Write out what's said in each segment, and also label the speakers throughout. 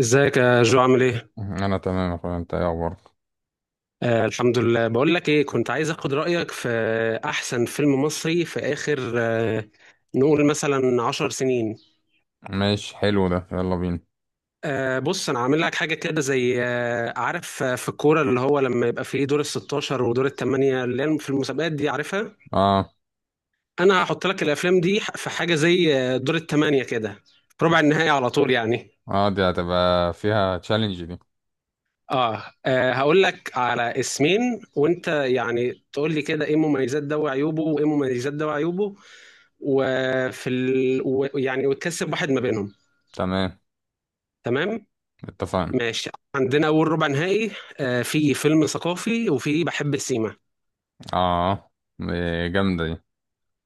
Speaker 1: ازيك يا جو، عامل ايه؟
Speaker 2: انا تمام يا اخويا، انت ايه اخبارك؟
Speaker 1: الحمد لله. بقول لك ايه، كنت عايز اخد رأيك في احسن فيلم مصري في اخر نقول مثلا 10 سنين.
Speaker 2: ماشي، حلو ده، يلا بينا.
Speaker 1: بص، انا عامل لك حاجة كده زي عارف في الكورة، اللي هو لما يبقى فيه دور ال 16 ودور الثمانية اللي هي في المسابقات دي، عارفها.
Speaker 2: اه.
Speaker 1: انا هحط لك الافلام دي في حاجة زي دور الثمانية كده، في ربع النهائي على طول يعني.
Speaker 2: اه، دي هتبقى فيها تشالنج دي.
Speaker 1: هقول لك على اسمين، وانت يعني تقول لي كده ايه مميزات ده وعيوبه، وايه مميزات ده وعيوبه. يعني وتكسب واحد ما بينهم.
Speaker 2: تمام،
Speaker 1: تمام.
Speaker 2: اتفقنا.
Speaker 1: ماشي. عندنا اول ربع نهائي، في فيلم ثقافي وفي بحب السيما.
Speaker 2: اه، دي جامدة دي.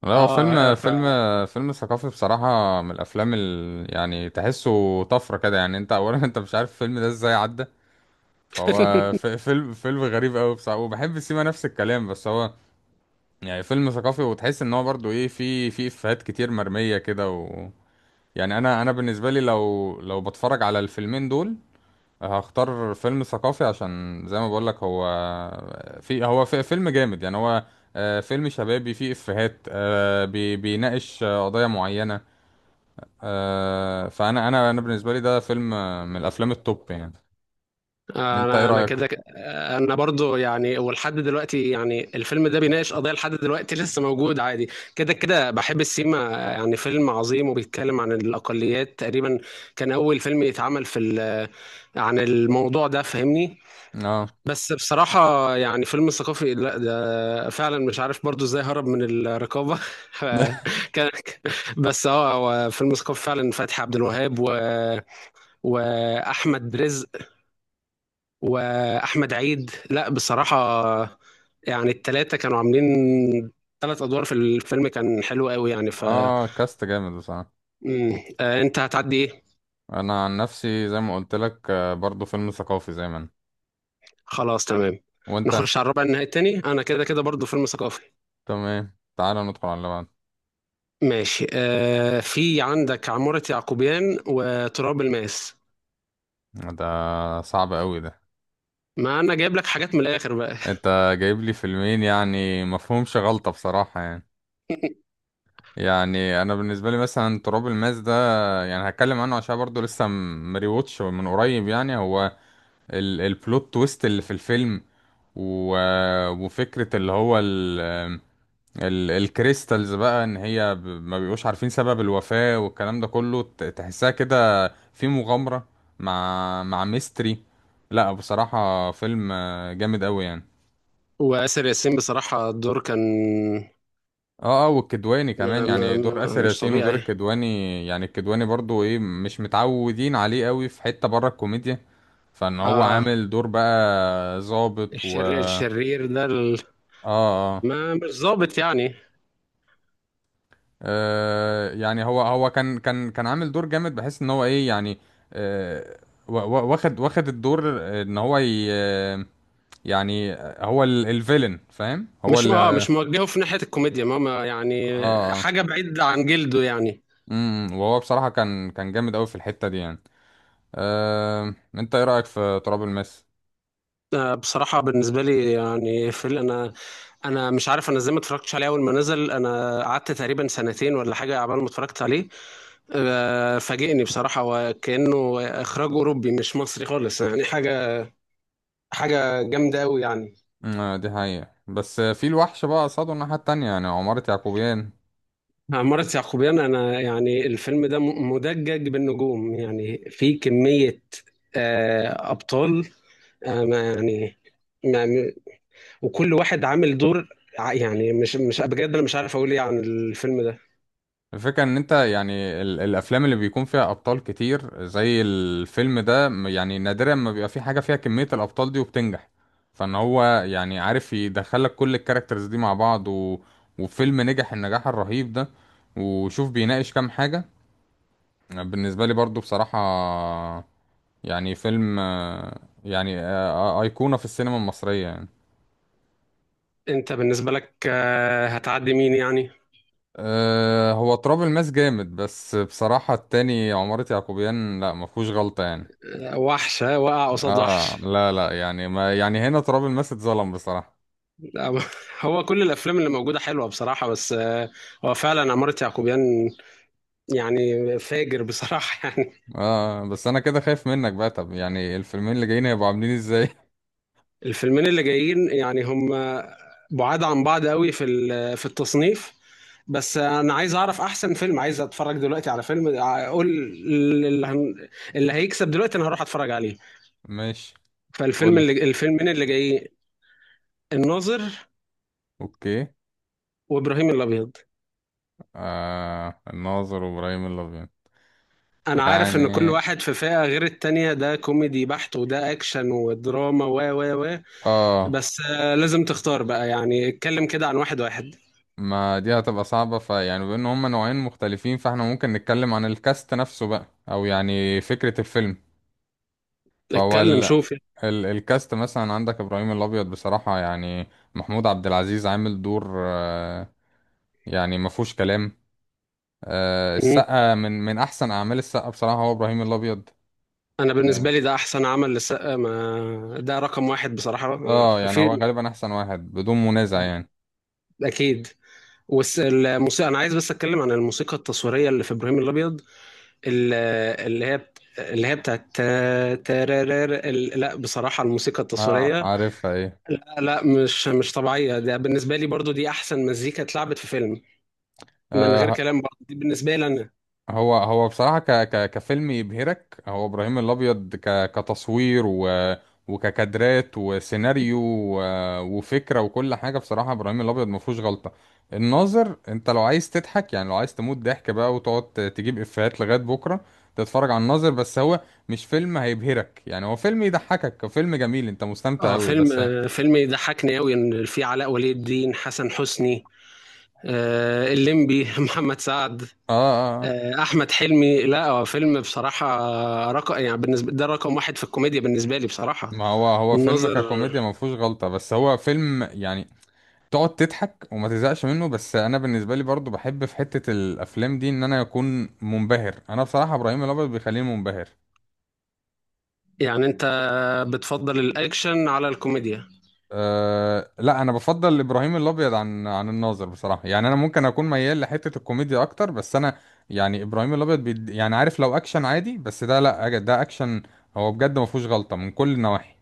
Speaker 2: لا، هو فيلم.
Speaker 1: اه،
Speaker 2: فيلم ثقافي بصراحة، من الافلام يعني تحسه طفرة كده، يعني انت اولا. انت مش عارف الفيلم ده ازاي عدى. فهو فيلم غريب قوي بصراحة، وبحب سيما نفس الكلام، بس هو يعني فيلم ثقافي. وتحس ان هو برضو ايه، في افيهات كتير مرمية كده. يعني انا بالنسبه لي، لو بتفرج على الفيلمين دول، هختار فيلم ثقافي، عشان زي ما بقول لك، هو في، هو في فيلم جامد يعني. هو فيلم شبابي فيه افيهات، بيناقش قضايا معينه. فانا انا بالنسبه لي ده فيلم، من الافلام التوب يعني. انت ايه
Speaker 1: انا
Speaker 2: رايك؟
Speaker 1: كده انا برضو يعني، ولحد دلوقتي يعني الفيلم ده بيناقش قضيه لحد دلوقتي لسه موجود عادي. كده كده بحب السيما يعني فيلم عظيم، وبيتكلم عن الاقليات تقريبا. كان اول فيلم يتعمل عن الموضوع ده، فاهمني؟
Speaker 2: اه.
Speaker 1: بس بصراحه يعني فيلم ثقافي، لا ده فعلا مش عارف برضو ازاي هرب من الرقابه. كان، بس اه هو فيلم ثقافي فعلا. فتحي عبد الوهاب واحمد رزق واحمد عيد، لا بصراحه يعني التلاتة كانوا عاملين 3 ادوار في الفيلم، كان حلو قوي يعني ف
Speaker 2: اه، كاست جامد بصراحه.
Speaker 1: مم. انت هتعدي ايه؟
Speaker 2: انا عن نفسي زي ما قلت لك، برضو فيلم ثقافي زي ما أنا.
Speaker 1: خلاص تمام.
Speaker 2: وانت؟
Speaker 1: نخش على الربع النهائي التاني، انا كده كده برضو فيلم ثقافي.
Speaker 2: تمام، تعالى ندخل على اللي بعد.
Speaker 1: ماشي، في عندك عمارة يعقوبيان وتراب الماس.
Speaker 2: ده صعب قوي ده.
Speaker 1: ما انا جايب لك حاجات من الاخر بقى.
Speaker 2: انت جايب لي فيلمين، يعني مفهومش غلطة بصراحة يعني. يعني انا بالنسبة لي مثلا تراب الماس ده، يعني هتكلم عنه عشان برضو لسه مريوتش من قريب. يعني هو ال البلوت تويست اللي في الفيلم، و وفكرة اللي هو ال الكريستالز بقى، ان هي ما بيبقوش عارفين سبب الوفاة والكلام ده كله. تحسها كده في مغامرة مع ميستري. لا بصراحة، فيلم جامد قوي يعني.
Speaker 1: وآسر ياسين بصراحة الدور كان
Speaker 2: اه، اه، والكدواني كمان.
Speaker 1: ما ما
Speaker 2: يعني دور
Speaker 1: ما
Speaker 2: اسر
Speaker 1: مش
Speaker 2: ياسين ودور
Speaker 1: طبيعي.
Speaker 2: الكدواني، يعني الكدواني برضو ايه، مش متعودين عليه قوي في حتة بره الكوميديا. فان هو
Speaker 1: اه،
Speaker 2: عامل دور بقى ظابط و
Speaker 1: الشرير
Speaker 2: اه.
Speaker 1: الشرير ده
Speaker 2: اه.
Speaker 1: ما مش ظابط يعني.
Speaker 2: يعني هو كان عامل دور جامد، بحيث ان هو ايه يعني. آه. واخد الدور، ان هو ي... يعني، هو الفيلن، فاهم. هو اه.
Speaker 1: مش موجهه في ناحية الكوميديا ماما يعني،
Speaker 2: اه.
Speaker 1: حاجة بعيد عن جلده يعني.
Speaker 2: وهو بصراحة كان جامد قوي في الحتة دي يعني. انت ايه رأيك في تراب الماس؟
Speaker 1: بصراحة بالنسبة لي يعني انا، انا مش عارف انا ازاي ما اتفرجتش عليه اول ما نزل، انا قعدت تقريبا سنتين ولا حاجة عبال ما اتفرجت عليه. فاجئني بصراحة، وكأنه اخراج اوروبي مش مصري خالص يعني، حاجة حاجة جامدة قوي يعني.
Speaker 2: أه، دي حقيقة، بس في الوحش بقى قصاده الناحية التانية، يعني عمارة يعقوبيان.
Speaker 1: عمارة يعقوبيان، انا يعني الفيلم ده مدجج بالنجوم، يعني في كمية ابطال ما يعني. وكل واحد عامل دور، يعني مش بجد، انا مش عارف اقول ايه عن الفيلم ده.
Speaker 2: الفكرة ان انت يعني، الافلام اللي بيكون فيها ابطال كتير زي الفيلم ده، يعني نادرا ما بيبقى في حاجة فيها كمية الابطال دي وبتنجح. فان هو يعني عارف يدخلك كل الكاركترز دي مع بعض، و... وفيلم نجح النجاح الرهيب ده. وشوف بيناقش كام حاجة. بالنسبة لي برضو بصراحة، يعني فيلم أيقونة في السينما المصرية يعني.
Speaker 1: انت بالنسبه لك هتعدي مين يعني؟
Speaker 2: هو تراب الماس جامد، بس بصراحة التاني عمارة يعقوبيان، لا ما فيهوش غلطة يعني.
Speaker 1: وحشه وقع قصاد
Speaker 2: اه،
Speaker 1: وحش.
Speaker 2: لا، لا، يعني، ما يعني، هنا تراب الماس اتظلم بصراحة.
Speaker 1: لا، هو كل الافلام اللي موجوده حلوه بصراحه، بس هو فعلا عمارة يعقوبيان يعني فاجر بصراحه يعني.
Speaker 2: اه بس انا كده خايف منك بقى. طب يعني الفيلمين اللي جايين هيبقوا عاملين ازاي؟
Speaker 1: الفيلمين اللي جايين يعني هم بعاد عن بعض قوي في التصنيف. بس انا عايز اعرف احسن فيلم، عايز اتفرج دلوقتي على فيلم اقول اللي هن- اللي هيكسب دلوقتي انا هروح اتفرج عليه.
Speaker 2: ماشي. قول
Speaker 1: فالفيلم
Speaker 2: لي.
Speaker 1: اللي الفيلمين اللي جايين: الناظر
Speaker 2: اوكي.
Speaker 1: وابراهيم الابيض.
Speaker 2: آه، الناظر وابراهيم الابيض.
Speaker 1: انا عارف ان كل
Speaker 2: يعني
Speaker 1: واحد في فئة غير التانية، ده كوميدي بحت وده اكشن ودراما و و و
Speaker 2: اه،
Speaker 1: بس لازم تختار بقى، يعني اتكلم كده عن واحد واحد.
Speaker 2: ما دي هتبقى صعبة، فيعني بما ان هما نوعين مختلفين، فاحنا ممكن نتكلم عن الكاست نفسه بقى، او يعني فكرة الفيلم. فهو
Speaker 1: اتكلم شوف يعني.
Speaker 2: الكاست مثلا، عندك ابراهيم الابيض بصراحة يعني، محمود عبد العزيز عامل دور، يعني ما فيهوش كلام.
Speaker 1: مم.
Speaker 2: السقا من احسن اعمال السقا بصراحة هو ابراهيم الابيض.
Speaker 1: انا بالنسبة
Speaker 2: اه.
Speaker 1: لي ده احسن عمل للسقا، ما ده رقم واحد بصراحة
Speaker 2: يعني
Speaker 1: في.
Speaker 2: هو غالبا احسن واحد بدون منازع يعني.
Speaker 1: اكيد. والموسيقى، انا عايز بس اتكلم عن الموسيقى التصويرية اللي في ابراهيم الابيض، ال- اللي هي بتاعت تا- تارارار ال- لا بصراحة الموسيقى
Speaker 2: اه،
Speaker 1: التصويرية،
Speaker 2: عارفها ايه؟
Speaker 1: لا مش طبيعية، ده بالنسبة لي برضو دي أحسن مزيكا اتلعبت في فيلم، من غير
Speaker 2: آه.
Speaker 1: كلام برضو دي بالنسبة لي أنا.
Speaker 2: هو بصراحة ك ك كفيلم يبهرك، هو إبراهيم الأبيض، كتصوير وككادرات وسيناريو و... وفكرة وكل حاجة. بصراحة إبراهيم الأبيض ما فيهوش غلطة. الناظر، أنت لو عايز تضحك، يعني لو عايز تموت ضحك بقى وتقعد تجيب إفيهات لغاية بكرة، تتفرج على الناظر. بس هو مش فيلم هيبهرك، يعني هو فيلم يضحكك، هو فيلم جميل، أنت مستمتع
Speaker 1: اه
Speaker 2: أوي
Speaker 1: فيلم
Speaker 2: بس اه.
Speaker 1: فيلم يضحكني أوي، إن في علاء ولي الدين، حسن حسني، الليمبي محمد سعد،
Speaker 2: اه. آه.
Speaker 1: أحمد حلمي. لا هو فيلم بصراحة رقم يعني بالنسبة ده رقم واحد في الكوميديا بالنسبة لي بصراحة،
Speaker 2: ما هو فيلم
Speaker 1: الناظر.
Speaker 2: ككوميديا ما فيهوش غلطة، بس هو فيلم يعني تقعد تضحك وما تزهقش منه. بس انا بالنسبه لي برضو بحب في حته الافلام دي ان انا اكون منبهر، انا بصراحه ابراهيم الابيض بيخليني منبهر.
Speaker 1: يعني انت بتفضل الاكشن على الكوميديا؟
Speaker 2: أه لا، انا بفضل ابراهيم الابيض عن الناظر بصراحه. يعني انا ممكن اكون ميال لحته الكوميديا اكتر، بس انا يعني ابراهيم الابيض يعني عارف، لو اكشن عادي بس ده، لا ده اكشن، هو بجد ما فيهوش غلطه من كل النواحي.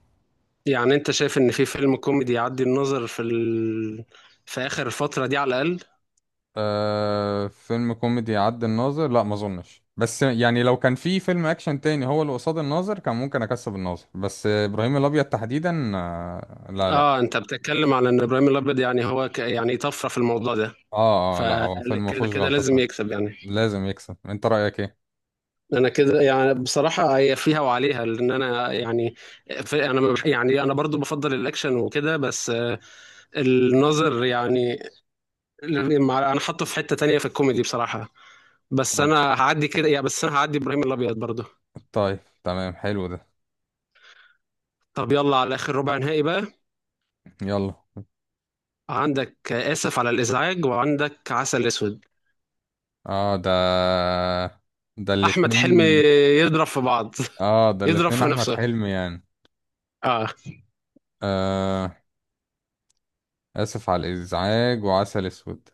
Speaker 1: يعني انت شايف ان في فيلم كوميدي يعدي النظر في اخر الفترة دي على الاقل؟
Speaker 2: آه، فيلم كوميدي عد الناظر، لا ما اظنش. بس يعني لو كان في فيلم اكشن تاني هو اللي قصاد الناظر، كان ممكن اكسب الناظر. بس ابراهيم الابيض تحديدا، آه لا، لا.
Speaker 1: اه، انت بتتكلم على ان ابراهيم الابيض يعني هو يعني طفرة في الموضوع ده.
Speaker 2: اه، اه، لا هو فيلم ما
Speaker 1: فكده
Speaker 2: فيهوش
Speaker 1: كده
Speaker 2: غلطة
Speaker 1: لازم
Speaker 2: فعلا.
Speaker 1: يكسب يعني.
Speaker 2: لازم يكسب. انت رأيك ايه؟
Speaker 1: انا كده يعني بصراحة هي فيها وعليها، لان انا يعني في... انا ما بح- يعني انا برضو بفضل الاكشن وكده، بس النظر يعني انا حاطه في حتة تانية في الكوميدي بصراحة. بس
Speaker 2: طب.
Speaker 1: انا هعدي كده يا بس انا هعدي ابراهيم الابيض برضه.
Speaker 2: طيب، تمام، حلو ده.
Speaker 1: طب يلا على اخر ربع نهائي بقى.
Speaker 2: يلا.
Speaker 1: عندك اسف على الازعاج، وعندك عسل اسود.
Speaker 2: اه، ده. ده
Speaker 1: احمد
Speaker 2: الاتنين.
Speaker 1: حلمي يضرب في بعض
Speaker 2: اه، ده
Speaker 1: يضرب
Speaker 2: الاتنين
Speaker 1: في
Speaker 2: احمد
Speaker 1: نفسه.
Speaker 2: حلمي يعني.
Speaker 1: اه،
Speaker 2: آه. اسف على الازعاج وعسل اسود.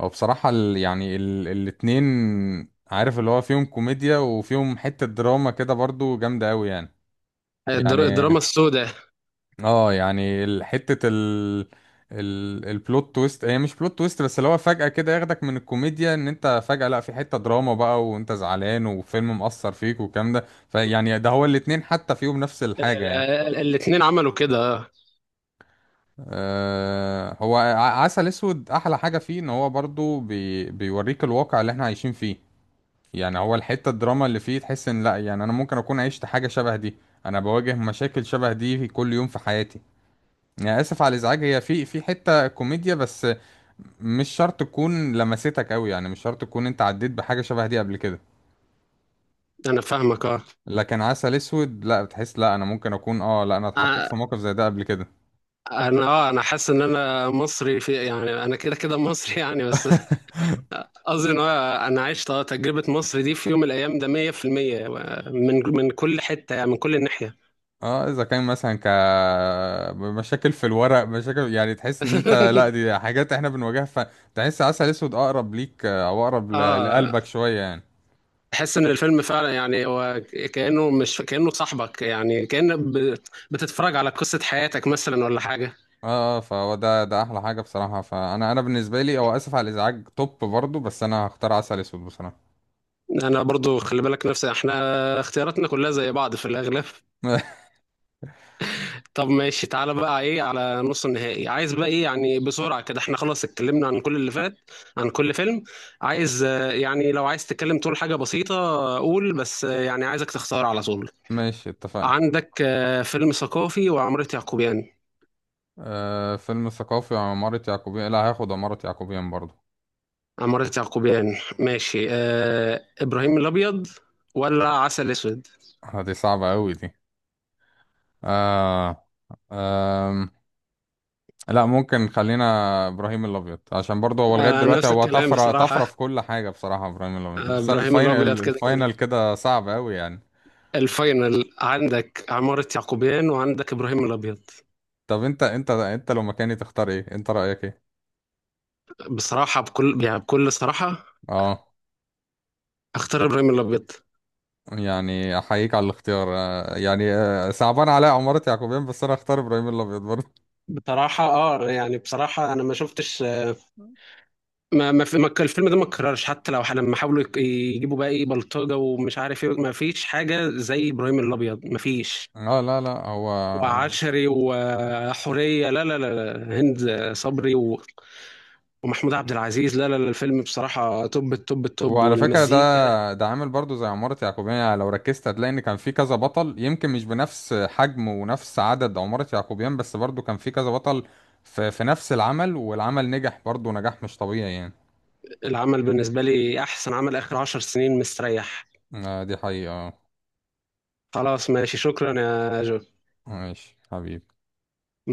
Speaker 2: هو بصراحة يعني الاتنين، عارف اللي هو فيهم كوميديا وفيهم حتة دراما كده برضو جامدة أوي يعني.
Speaker 1: الدراما
Speaker 2: يعني
Speaker 1: السوداء.
Speaker 2: اه، يعني البلوت تويست، هي مش بلوت تويست، بس اللي هو فجأة كده ياخدك من الكوميديا ان انت فجأة، لا في حتة دراما بقى، وانت زعلان وفيلم مأثر فيك والكلام ده. فيعني ده هو الاتنين حتى فيهم نفس الحاجة يعني.
Speaker 1: الاتنين عملوا كده
Speaker 2: آه، هو عسل اسود احلى حاجة فيه ان هو برضو بيوريك الواقع اللي احنا عايشين فيه. يعني هو الحتة الدراما اللي فيه، تحس ان لا يعني انا ممكن اكون عشت حاجة شبه دي، انا بواجه مشاكل شبه دي في كل يوم في حياتي. يعني اسف على الازعاج، هي في حتة كوميديا، بس مش شرط تكون لمستك قوي، يعني مش شرط تكون انت عديت بحاجة شبه دي قبل كده.
Speaker 1: انا فاهمك اه.
Speaker 2: لكن عسل اسود، لا بتحس، لا انا ممكن اكون، اه لا انا اتحطيت
Speaker 1: آه،
Speaker 2: في موقف زي ده قبل كده.
Speaker 1: انا اه انا حاسس ان انا مصري في يعني انا كده كده مصري يعني، بس قصدي ان هو انا عشت تجربة مصر دي في يوم من الايام ده 100%، من من كل حتة يعني من كل ناحية.
Speaker 2: اه اذا كان مثلا، مشاكل في الورق، مشاكل يعني، تحس ان انت لا، دي حاجات احنا بنواجهها. فتحس عسل اسود اقرب ليك، او اقرب
Speaker 1: اه،
Speaker 2: لقلبك شوية يعني.
Speaker 1: تحس ان الفيلم فعلا يعني هو كانه مش كانه صاحبك يعني، كان بتتفرج على قصه حياتك مثلا ولا حاجه.
Speaker 2: اه، اه، فهو ده احلى حاجه بصراحه. فانا بالنسبه لي، او اسف على الازعاج توب برضو، بس انا هختار عسل اسود بصراحه.
Speaker 1: انا برضو خلي بالك، نفسي احنا اختياراتنا كلها زي بعض في الاغلب. طب ماشي، تعالى بقى ايه على نص النهائي. عايز بقى ايه يعني، بسرعه كده، احنا خلاص اتكلمنا عن كل اللي فات، عن كل فيلم. عايز يعني لو عايز تتكلم تقول حاجه بسيطه، قول، بس يعني عايزك تختار على طول.
Speaker 2: ماشي، اتفقنا.
Speaker 1: عندك فيلم ثقافي وعمارة يعقوبيان.
Speaker 2: آه، فيلم ثقافي عمارة يعقوبيان، لا هاخد عمارة يعقوبيان برضو.
Speaker 1: عمارة يعقوبيان ماشي. إبراهيم الأبيض ولا عسل أسود؟
Speaker 2: آه، دي صعبة أوي دي. آه. آم، لا ممكن خلينا إبراهيم الأبيض، عشان برضو هو لغاية دلوقتي
Speaker 1: نفس
Speaker 2: هو
Speaker 1: الكلام
Speaker 2: طفرة طفرة
Speaker 1: بصراحة،
Speaker 2: في كل حاجة، بصراحة إبراهيم الأبيض، بس
Speaker 1: إبراهيم
Speaker 2: الفاينل،
Speaker 1: الأبيض كده كده.
Speaker 2: الفاينل كده صعب أوي يعني.
Speaker 1: الفاينل، عندك عمارة يعقوبيان وعندك إبراهيم الأبيض.
Speaker 2: طب أنت لو مكاني تختار إيه؟ أنت رأيك إيه؟
Speaker 1: بصراحة بكل يعني بكل صراحة
Speaker 2: اه.
Speaker 1: أختار إبراهيم الأبيض.
Speaker 2: يعني احييك على الاختيار، صعبان عليا عمارة يعقوبيان، بس انا اختار ابراهيم الابيض برضه.
Speaker 1: بصراحة اه يعني بصراحة انا ما شفتش ما ما, في ما كان الفيلم ده ما اتكررش، حتى لو لما حاولوا يجيبوا بقى ايه بلطجة ومش عارف ايه، ما فيش حاجة زي ابراهيم الابيض، ما فيش.
Speaker 2: اه، لا، لا. هو
Speaker 1: وعشري وحورية، لا لا لا لا، هند صبري ومحمود عبد العزيز، لا لا لا، الفيلم بصراحة توب التوب التوب،
Speaker 2: وعلى فكرة
Speaker 1: والمزيكا.
Speaker 2: ده عامل برضه زي عمارة يعقوبيان. يعني لو ركزت هتلاقي ان كان في كذا بطل، يمكن مش بنفس حجم ونفس عدد عمارة يعقوبيان، بس برضه كان في كذا بطل في, نفس العمل. والعمل نجح برضه نجاح مش طبيعي يعني.
Speaker 1: العمل بالنسبة لي أحسن عمل آخر 10 سنين مستريح.
Speaker 2: آه، دي حقيقة آه.
Speaker 1: خلاص ماشي، شكرا يا جو.
Speaker 2: ماشي حبيبي.